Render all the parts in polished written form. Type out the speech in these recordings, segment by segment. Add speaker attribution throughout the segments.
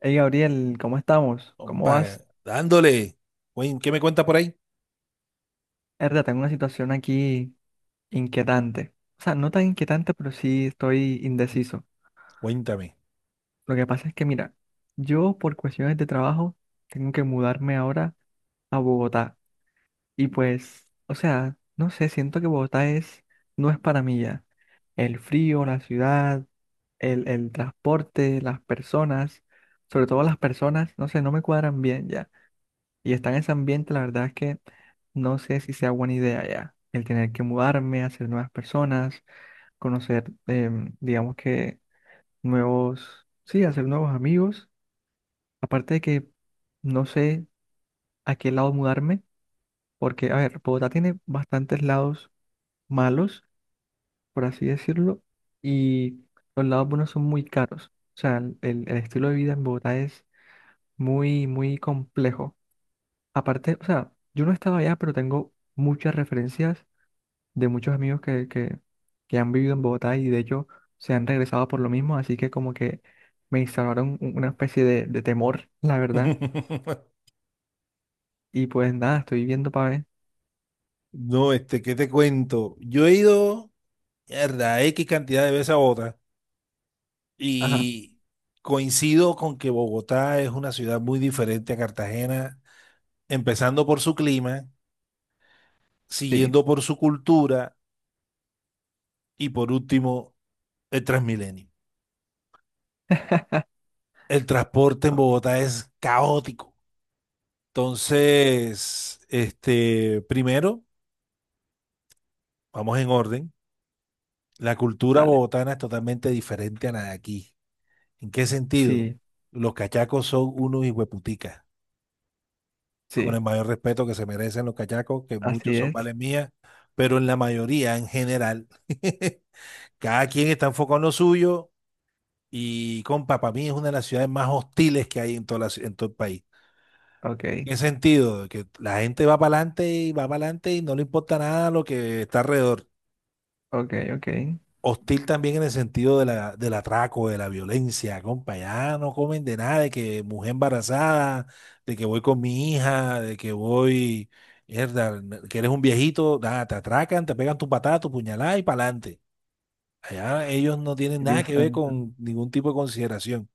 Speaker 1: Hey Gabriel, ¿cómo estamos? ¿Cómo
Speaker 2: Compa,
Speaker 1: vas?
Speaker 2: dándole. ¿Qué me cuenta por ahí?
Speaker 1: Erda, tengo una situación aquí inquietante. O sea, no tan inquietante, pero sí estoy indeciso.
Speaker 2: Cuéntame.
Speaker 1: Lo que pasa es que, mira, yo por cuestiones de trabajo tengo que mudarme ahora a Bogotá. Y pues, o sea, no sé, siento que Bogotá es, no es para mí ya. El frío, la ciudad, el transporte, las personas, sobre todo las personas, no sé, no me cuadran bien ya. Y estar en ese ambiente, la verdad es que no sé si sea buena idea ya. El tener que mudarme, hacer nuevas personas, conocer, digamos que nuevos, sí, hacer nuevos amigos. Aparte de que no sé a qué lado mudarme, porque, a ver, Bogotá tiene bastantes lados malos, por así decirlo, y los lados buenos son muy caros. O sea, el estilo de vida en Bogotá es muy, muy complejo. Aparte, o sea, yo no estaba allá, pero tengo muchas referencias de muchos amigos que han vivido en Bogotá y de hecho se han regresado por lo mismo, así que como que me instauraron una especie de temor, la verdad. Y pues nada, estoy viendo para ver.
Speaker 2: No, ¿qué te cuento? Yo he ido, mierda, X cantidad de veces a Bogotá
Speaker 1: Ajá,
Speaker 2: y coincido con que Bogotá es una ciudad muy diferente a Cartagena, empezando por su clima,
Speaker 1: sí,
Speaker 2: siguiendo por su cultura y por último, el Transmilenio. El transporte en
Speaker 1: ah,
Speaker 2: Bogotá es caótico. Entonces, primero, vamos en orden. La cultura
Speaker 1: dale.
Speaker 2: bogotana es totalmente diferente a la de aquí. ¿En qué sentido?
Speaker 1: Sí,
Speaker 2: Los cachacos son unos hijueputicas, con
Speaker 1: sí,
Speaker 2: el mayor respeto que se merecen los cachacos, que muchos
Speaker 1: así
Speaker 2: son
Speaker 1: es.
Speaker 2: vales mías, pero en la mayoría, en general, cada quien está enfocado en lo suyo y, compa, para mí es una de las ciudades más hostiles que hay en, toda en todo el país.
Speaker 1: Ok,
Speaker 2: ¿En qué sentido? Que la gente va para adelante y va para adelante y no le importa nada lo que está alrededor.
Speaker 1: ok, ok. Ay,
Speaker 2: Hostil también en el sentido de la, del atraco, de la violencia, compa. Ya no comen de nada, de que mujer embarazada, de que voy con mi hija, de que voy, mierda, que eres un viejito, nada, te atracan, te pegan tu patada, tu puñalada y pa'lante. Allá ellos no tienen nada
Speaker 1: Dios
Speaker 2: que ver
Speaker 1: santo.
Speaker 2: con ningún tipo de consideración.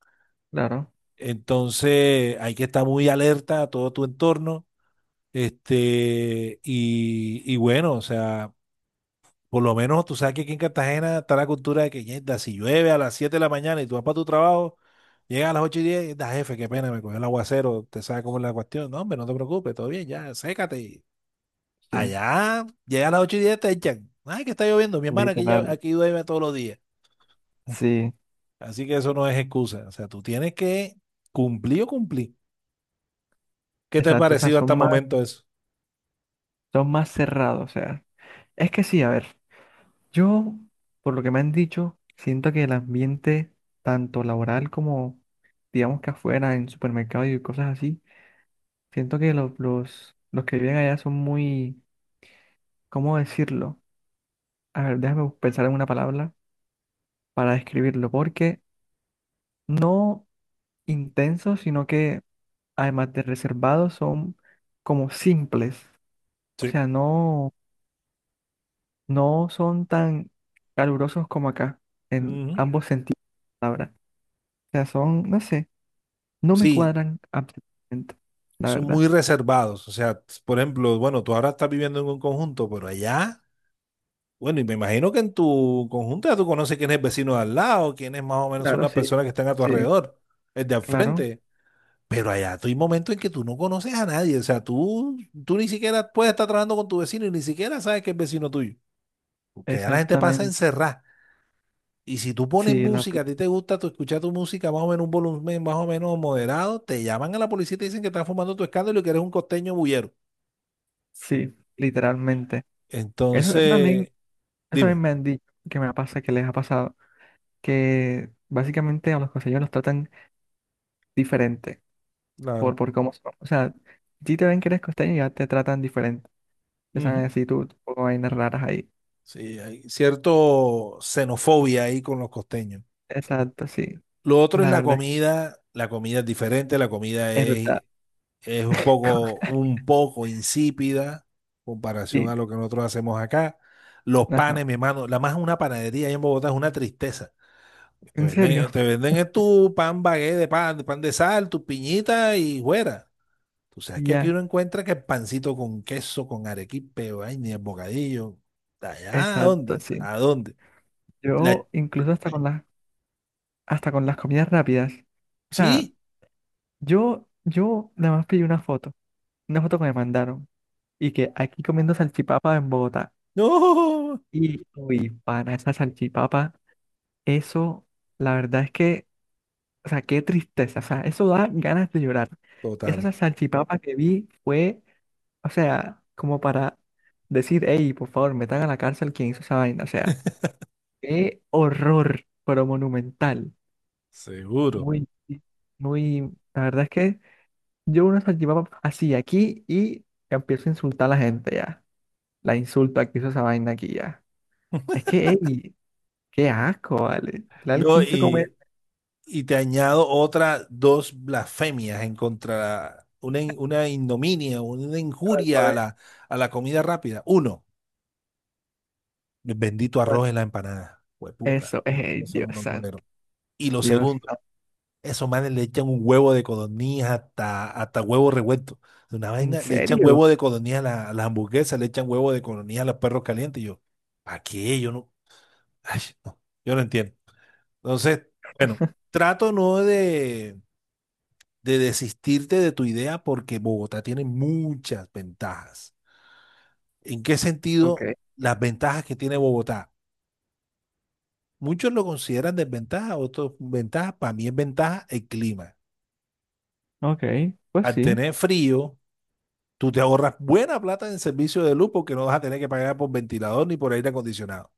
Speaker 1: Claro,
Speaker 2: Entonces hay que estar muy alerta a todo tu entorno. Y bueno, o sea. Por lo menos tú sabes que aquí en Cartagena está la cultura de que "Yerda, si llueve a las 7 de la mañana y tú vas para tu trabajo, llegas a las 8:10 da jefe, qué pena, me cogió el aguacero, te sabes cómo es la cuestión. No, hombre, no te preocupes, todo bien, ya, sécate." Y
Speaker 1: sí,
Speaker 2: allá, llega a las 8:10 te echan. Ay, que está lloviendo, mi hermano, aquí,
Speaker 1: literal.
Speaker 2: aquí llueve todos los días.
Speaker 1: Sí,
Speaker 2: Así que eso no es excusa. O sea, tú tienes que cumplir o cumplir. ¿Qué te ha
Speaker 1: exacto, o sea,
Speaker 2: parecido hasta el momento eso?
Speaker 1: son más cerrados, o sea. Es que sí, a ver. Yo, por lo que me han dicho, siento que el ambiente, tanto laboral como, digamos que afuera, en supermercados y cosas así, siento que los que viven allá son muy, ¿cómo decirlo? A ver, déjame pensar en una palabra para describirlo, porque no intensos, sino que además de reservados, son como simples. O
Speaker 2: Sí.
Speaker 1: sea, no, no son tan calurosos como acá, en
Speaker 2: Ujú.
Speaker 1: ambos sentidos de la palabra. O sea, son, no sé. No me
Speaker 2: Sí,
Speaker 1: cuadran absolutamente, la
Speaker 2: son muy
Speaker 1: verdad.
Speaker 2: reservados. O sea, por ejemplo, bueno, tú ahora estás viviendo en un conjunto, pero allá. Bueno, y me imagino que en tu conjunto ya tú conoces quién es el vecino de al lado, quiénes más o menos son
Speaker 1: Claro,
Speaker 2: las
Speaker 1: sí,
Speaker 2: personas que están a tu
Speaker 1: sí.
Speaker 2: alrededor, el de al
Speaker 1: Claro,
Speaker 2: frente. Pero allá tú hay momentos en que tú no conoces a nadie. O sea, tú ni siquiera puedes estar trabajando con tu vecino y ni siquiera sabes que es vecino tuyo. Porque allá la gente pasa
Speaker 1: exactamente.
Speaker 2: encerrada. Y si tú pones
Speaker 1: Sí, la,
Speaker 2: música, a
Speaker 1: pla-
Speaker 2: ti te gusta tú escuchar tu música más o menos un volumen más o menos moderado, te llaman a la policía y te dicen que estás fumando tu escándalo y que eres un costeño bullero.
Speaker 1: sí, literalmente. Eso,
Speaker 2: Entonces,
Speaker 1: eso también
Speaker 2: dime.
Speaker 1: me han dicho que me pasa, que les ha pasado, que básicamente a los costeños los tratan diferente
Speaker 2: Claro.
Speaker 1: por cómo son. O sea, si te ven que eres costeño, ya te tratan diferente. Te saben decir tú, tú poco vainas raras ahí.
Speaker 2: Sí, hay cierto xenofobia ahí con los costeños.
Speaker 1: Exacto, sí.
Speaker 2: Lo otro es
Speaker 1: La
Speaker 2: la
Speaker 1: verdad,
Speaker 2: comida. La comida es diferente, la comida
Speaker 1: es verdad.
Speaker 2: es un poco insípida en comparación
Speaker 1: Sí,
Speaker 2: a lo que nosotros hacemos acá. Los
Speaker 1: ajá.
Speaker 2: panes, mi hermano, la más una panadería ahí en Bogotá es una tristeza. Te
Speaker 1: En serio,
Speaker 2: venden, te venden es tu pan bagué de pan, pan de sal, tu piñita y fuera. Tú sabes que aquí
Speaker 1: ya,
Speaker 2: uno encuentra que pancito con queso, con arequipe, ay, ni el bocadillo. ¿Allá a
Speaker 1: exacto,
Speaker 2: dónde?
Speaker 1: sí.
Speaker 2: ¿A dónde? La,
Speaker 1: Yo incluso hasta con las comidas rápidas. O sea,
Speaker 2: Sí,
Speaker 1: yo nada más pedí una foto que me mandaron y que aquí comiendo salchipapa en Bogotá.
Speaker 2: no,
Speaker 1: Y uy, pana, esa salchipapa, eso la verdad es que, o sea, qué tristeza, o sea, eso da ganas de llorar.
Speaker 2: total,
Speaker 1: Salchipapa que vi fue, o sea, como para decir, hey, por favor, metan a la cárcel quien hizo esa vaina, o sea, qué horror, pero monumental.
Speaker 2: seguro.
Speaker 1: Muy, muy, la verdad es que yo una salchipapa así aquí y empiezo a insultar a la gente ya. La insulta que hizo esa vaina aquí ya. Es que, ey, qué asco, vale. Literal,
Speaker 2: No,
Speaker 1: ¿quién se come
Speaker 2: y te añado otras dos blasfemias en contra, una ignominia, una
Speaker 1: cuál,
Speaker 2: injuria
Speaker 1: cuál,
Speaker 2: a la comida rápida. Uno, el bendito arroz
Speaker 1: cuál?
Speaker 2: en la empanada. Hueputa,
Speaker 1: Eso, ey,
Speaker 2: eso
Speaker 1: Dios
Speaker 2: no lo tolero.
Speaker 1: santo,
Speaker 2: Y lo
Speaker 1: Dios
Speaker 2: segundo,
Speaker 1: santo.
Speaker 2: esos manes le echan un huevo de codorniz hasta huevo revuelto. De una
Speaker 1: ¿En
Speaker 2: vaina, le echan
Speaker 1: serio?
Speaker 2: huevo de codorniz a las hamburguesas, le echan huevo de codorniz a los perros calientes. Y yo, ¿para qué? Yo no, ay, no, yo no entiendo. Entonces, bueno, trato no de, de desistirte de tu idea porque Bogotá tiene muchas ventajas. ¿En qué
Speaker 1: Ok,
Speaker 2: sentido las ventajas que tiene Bogotá? Muchos lo consideran desventaja, otros ventaja. Para mí es ventaja el clima.
Speaker 1: ok, pues
Speaker 2: Al
Speaker 1: sí,
Speaker 2: tener frío, tú te ahorras buena plata en servicio de luz porque no vas a tener que pagar por ventilador ni por aire acondicionado.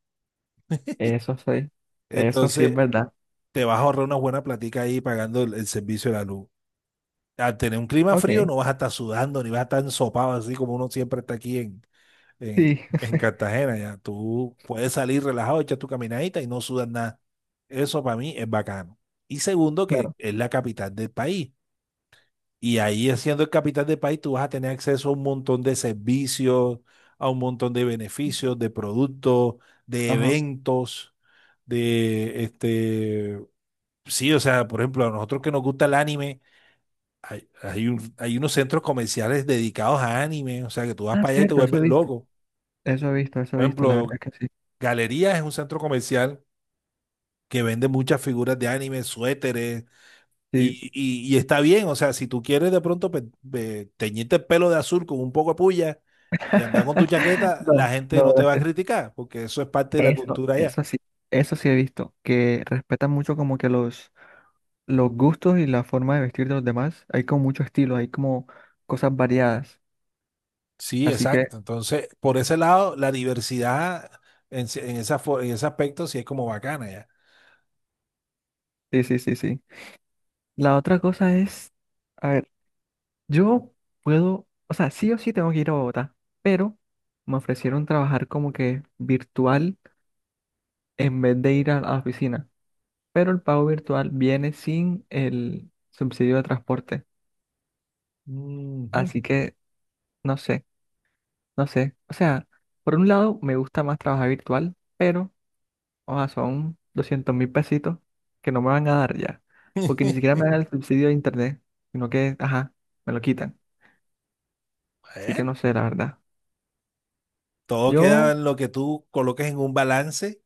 Speaker 1: eso sí, eso sí es
Speaker 2: Entonces,
Speaker 1: verdad.
Speaker 2: te vas a ahorrar una buena platica ahí pagando el servicio de la luz. Al tener un clima frío
Speaker 1: Ok,
Speaker 2: no vas a estar sudando ni vas a estar ensopado así como uno siempre está aquí en, en,
Speaker 1: sí,
Speaker 2: en Cartagena. Ya tú puedes salir relajado, echar tu caminadita y no sudas nada. Eso para mí es bacano. Y segundo, que
Speaker 1: claro,
Speaker 2: es la capital del país. Y ahí siendo el capital del país, tú vas a tener acceso a un montón de servicios, a un montón de beneficios, de productos, de
Speaker 1: ajá.
Speaker 2: eventos, de sí, o sea, por ejemplo, a nosotros que nos gusta el anime hay unos centros comerciales dedicados a anime, o sea que tú vas
Speaker 1: Ah,
Speaker 2: para allá y te
Speaker 1: cierto, eso he
Speaker 2: vuelves
Speaker 1: visto,
Speaker 2: loco.
Speaker 1: eso he visto, eso he
Speaker 2: Por
Speaker 1: visto, la verdad
Speaker 2: ejemplo,
Speaker 1: que sí,
Speaker 2: Galerías es un centro comercial que vende muchas figuras de anime, suéteres,
Speaker 1: sí.
Speaker 2: y está bien, o sea, si tú quieres de pronto teñirte el pelo de azul con un poco de puya y andar con tu chaqueta, la
Speaker 1: No,
Speaker 2: gente
Speaker 1: no,
Speaker 2: no te va a criticar, porque eso es parte de la
Speaker 1: eso,
Speaker 2: cultura allá.
Speaker 1: eso sí he visto, que respetan mucho como que los gustos y la forma de vestir de los demás. Hay como mucho estilo, hay como cosas variadas.
Speaker 2: Sí,
Speaker 1: Así que,
Speaker 2: exacto. Entonces, por ese lado, la diversidad en, ese- en, esa, fo- en ese aspecto sí es como bacana ya.
Speaker 1: sí, sí, sí, sí. La otra cosa es, a ver, yo puedo, o sea, sí o sí tengo que ir a Bogotá, pero me ofrecieron trabajar como que virtual en vez de ir a la oficina. Pero el pago virtual viene sin el subsidio de transporte.
Speaker 2: Ujú.
Speaker 1: Así que, no sé. No sé, o sea, por un lado me gusta más trabajar virtual, pero, o sea, son 200.000 pesitos que no me van a dar ya, porque ni siquiera me dan el subsidio de internet, sino que, ajá, me lo quitan. Así que
Speaker 2: Bueno,
Speaker 1: no sé, la verdad.
Speaker 2: todo queda
Speaker 1: Yo,
Speaker 2: en lo que tú coloques en un balance,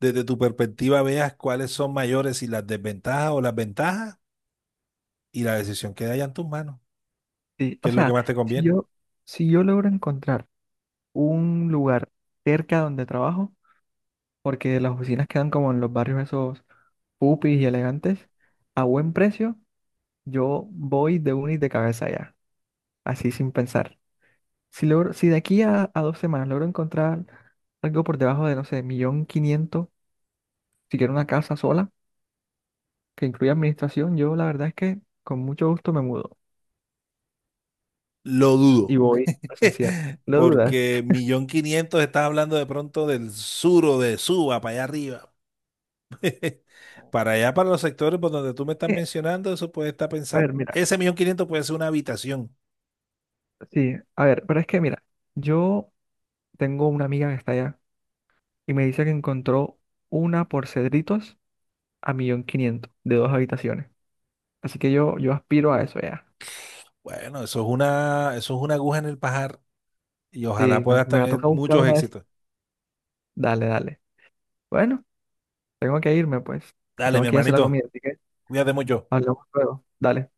Speaker 2: desde tu perspectiva veas cuáles son mayores, y las desventajas o las ventajas, y la decisión queda ya en tus manos,
Speaker 1: sí,
Speaker 2: que
Speaker 1: o
Speaker 2: es lo que
Speaker 1: sea,
Speaker 2: más te
Speaker 1: si
Speaker 2: conviene.
Speaker 1: yo, si yo logro encontrar un lugar cerca donde trabajo, porque las oficinas quedan como en los barrios esos pupis y elegantes, a buen precio, yo voy de unis de cabeza allá así sin pensar. Si logro, si de aquí a 2 semanas logro encontrar algo por debajo de, no sé, 1.500.000, si quiero una casa sola, que incluya administración, yo la verdad es que con mucho gusto me mudo
Speaker 2: Lo
Speaker 1: y
Speaker 2: dudo,
Speaker 1: voy presencial. No dudas.
Speaker 2: porque 1.500.000 estás hablando de pronto del sur o de Suba, para allá arriba. Para allá, para los sectores por donde tú me estás
Speaker 1: Es
Speaker 2: mencionando, eso puede estar
Speaker 1: a ver,
Speaker 2: pensando,
Speaker 1: mira,
Speaker 2: ese 1.500.000 puede ser una habitación.
Speaker 1: sí, a ver, pero es que mira, yo tengo una amiga que está allá y me dice que encontró una por Cedritos a 1.500.000 de 2 habitaciones. Así que yo aspiro a eso ya.
Speaker 2: Bueno, eso es una aguja en el pajar y ojalá
Speaker 1: Sí, me
Speaker 2: puedas
Speaker 1: me va a
Speaker 2: tener
Speaker 1: tocar buscar
Speaker 2: muchos
Speaker 1: una de esas.
Speaker 2: éxitos.
Speaker 1: Dale, dale. Bueno. Tengo que irme, pues.
Speaker 2: Dale,
Speaker 1: Tengo
Speaker 2: mi
Speaker 1: que ir a hacer la comida,
Speaker 2: hermanito,
Speaker 1: así que
Speaker 2: cuídate mucho.
Speaker 1: hablamos luego. Dale.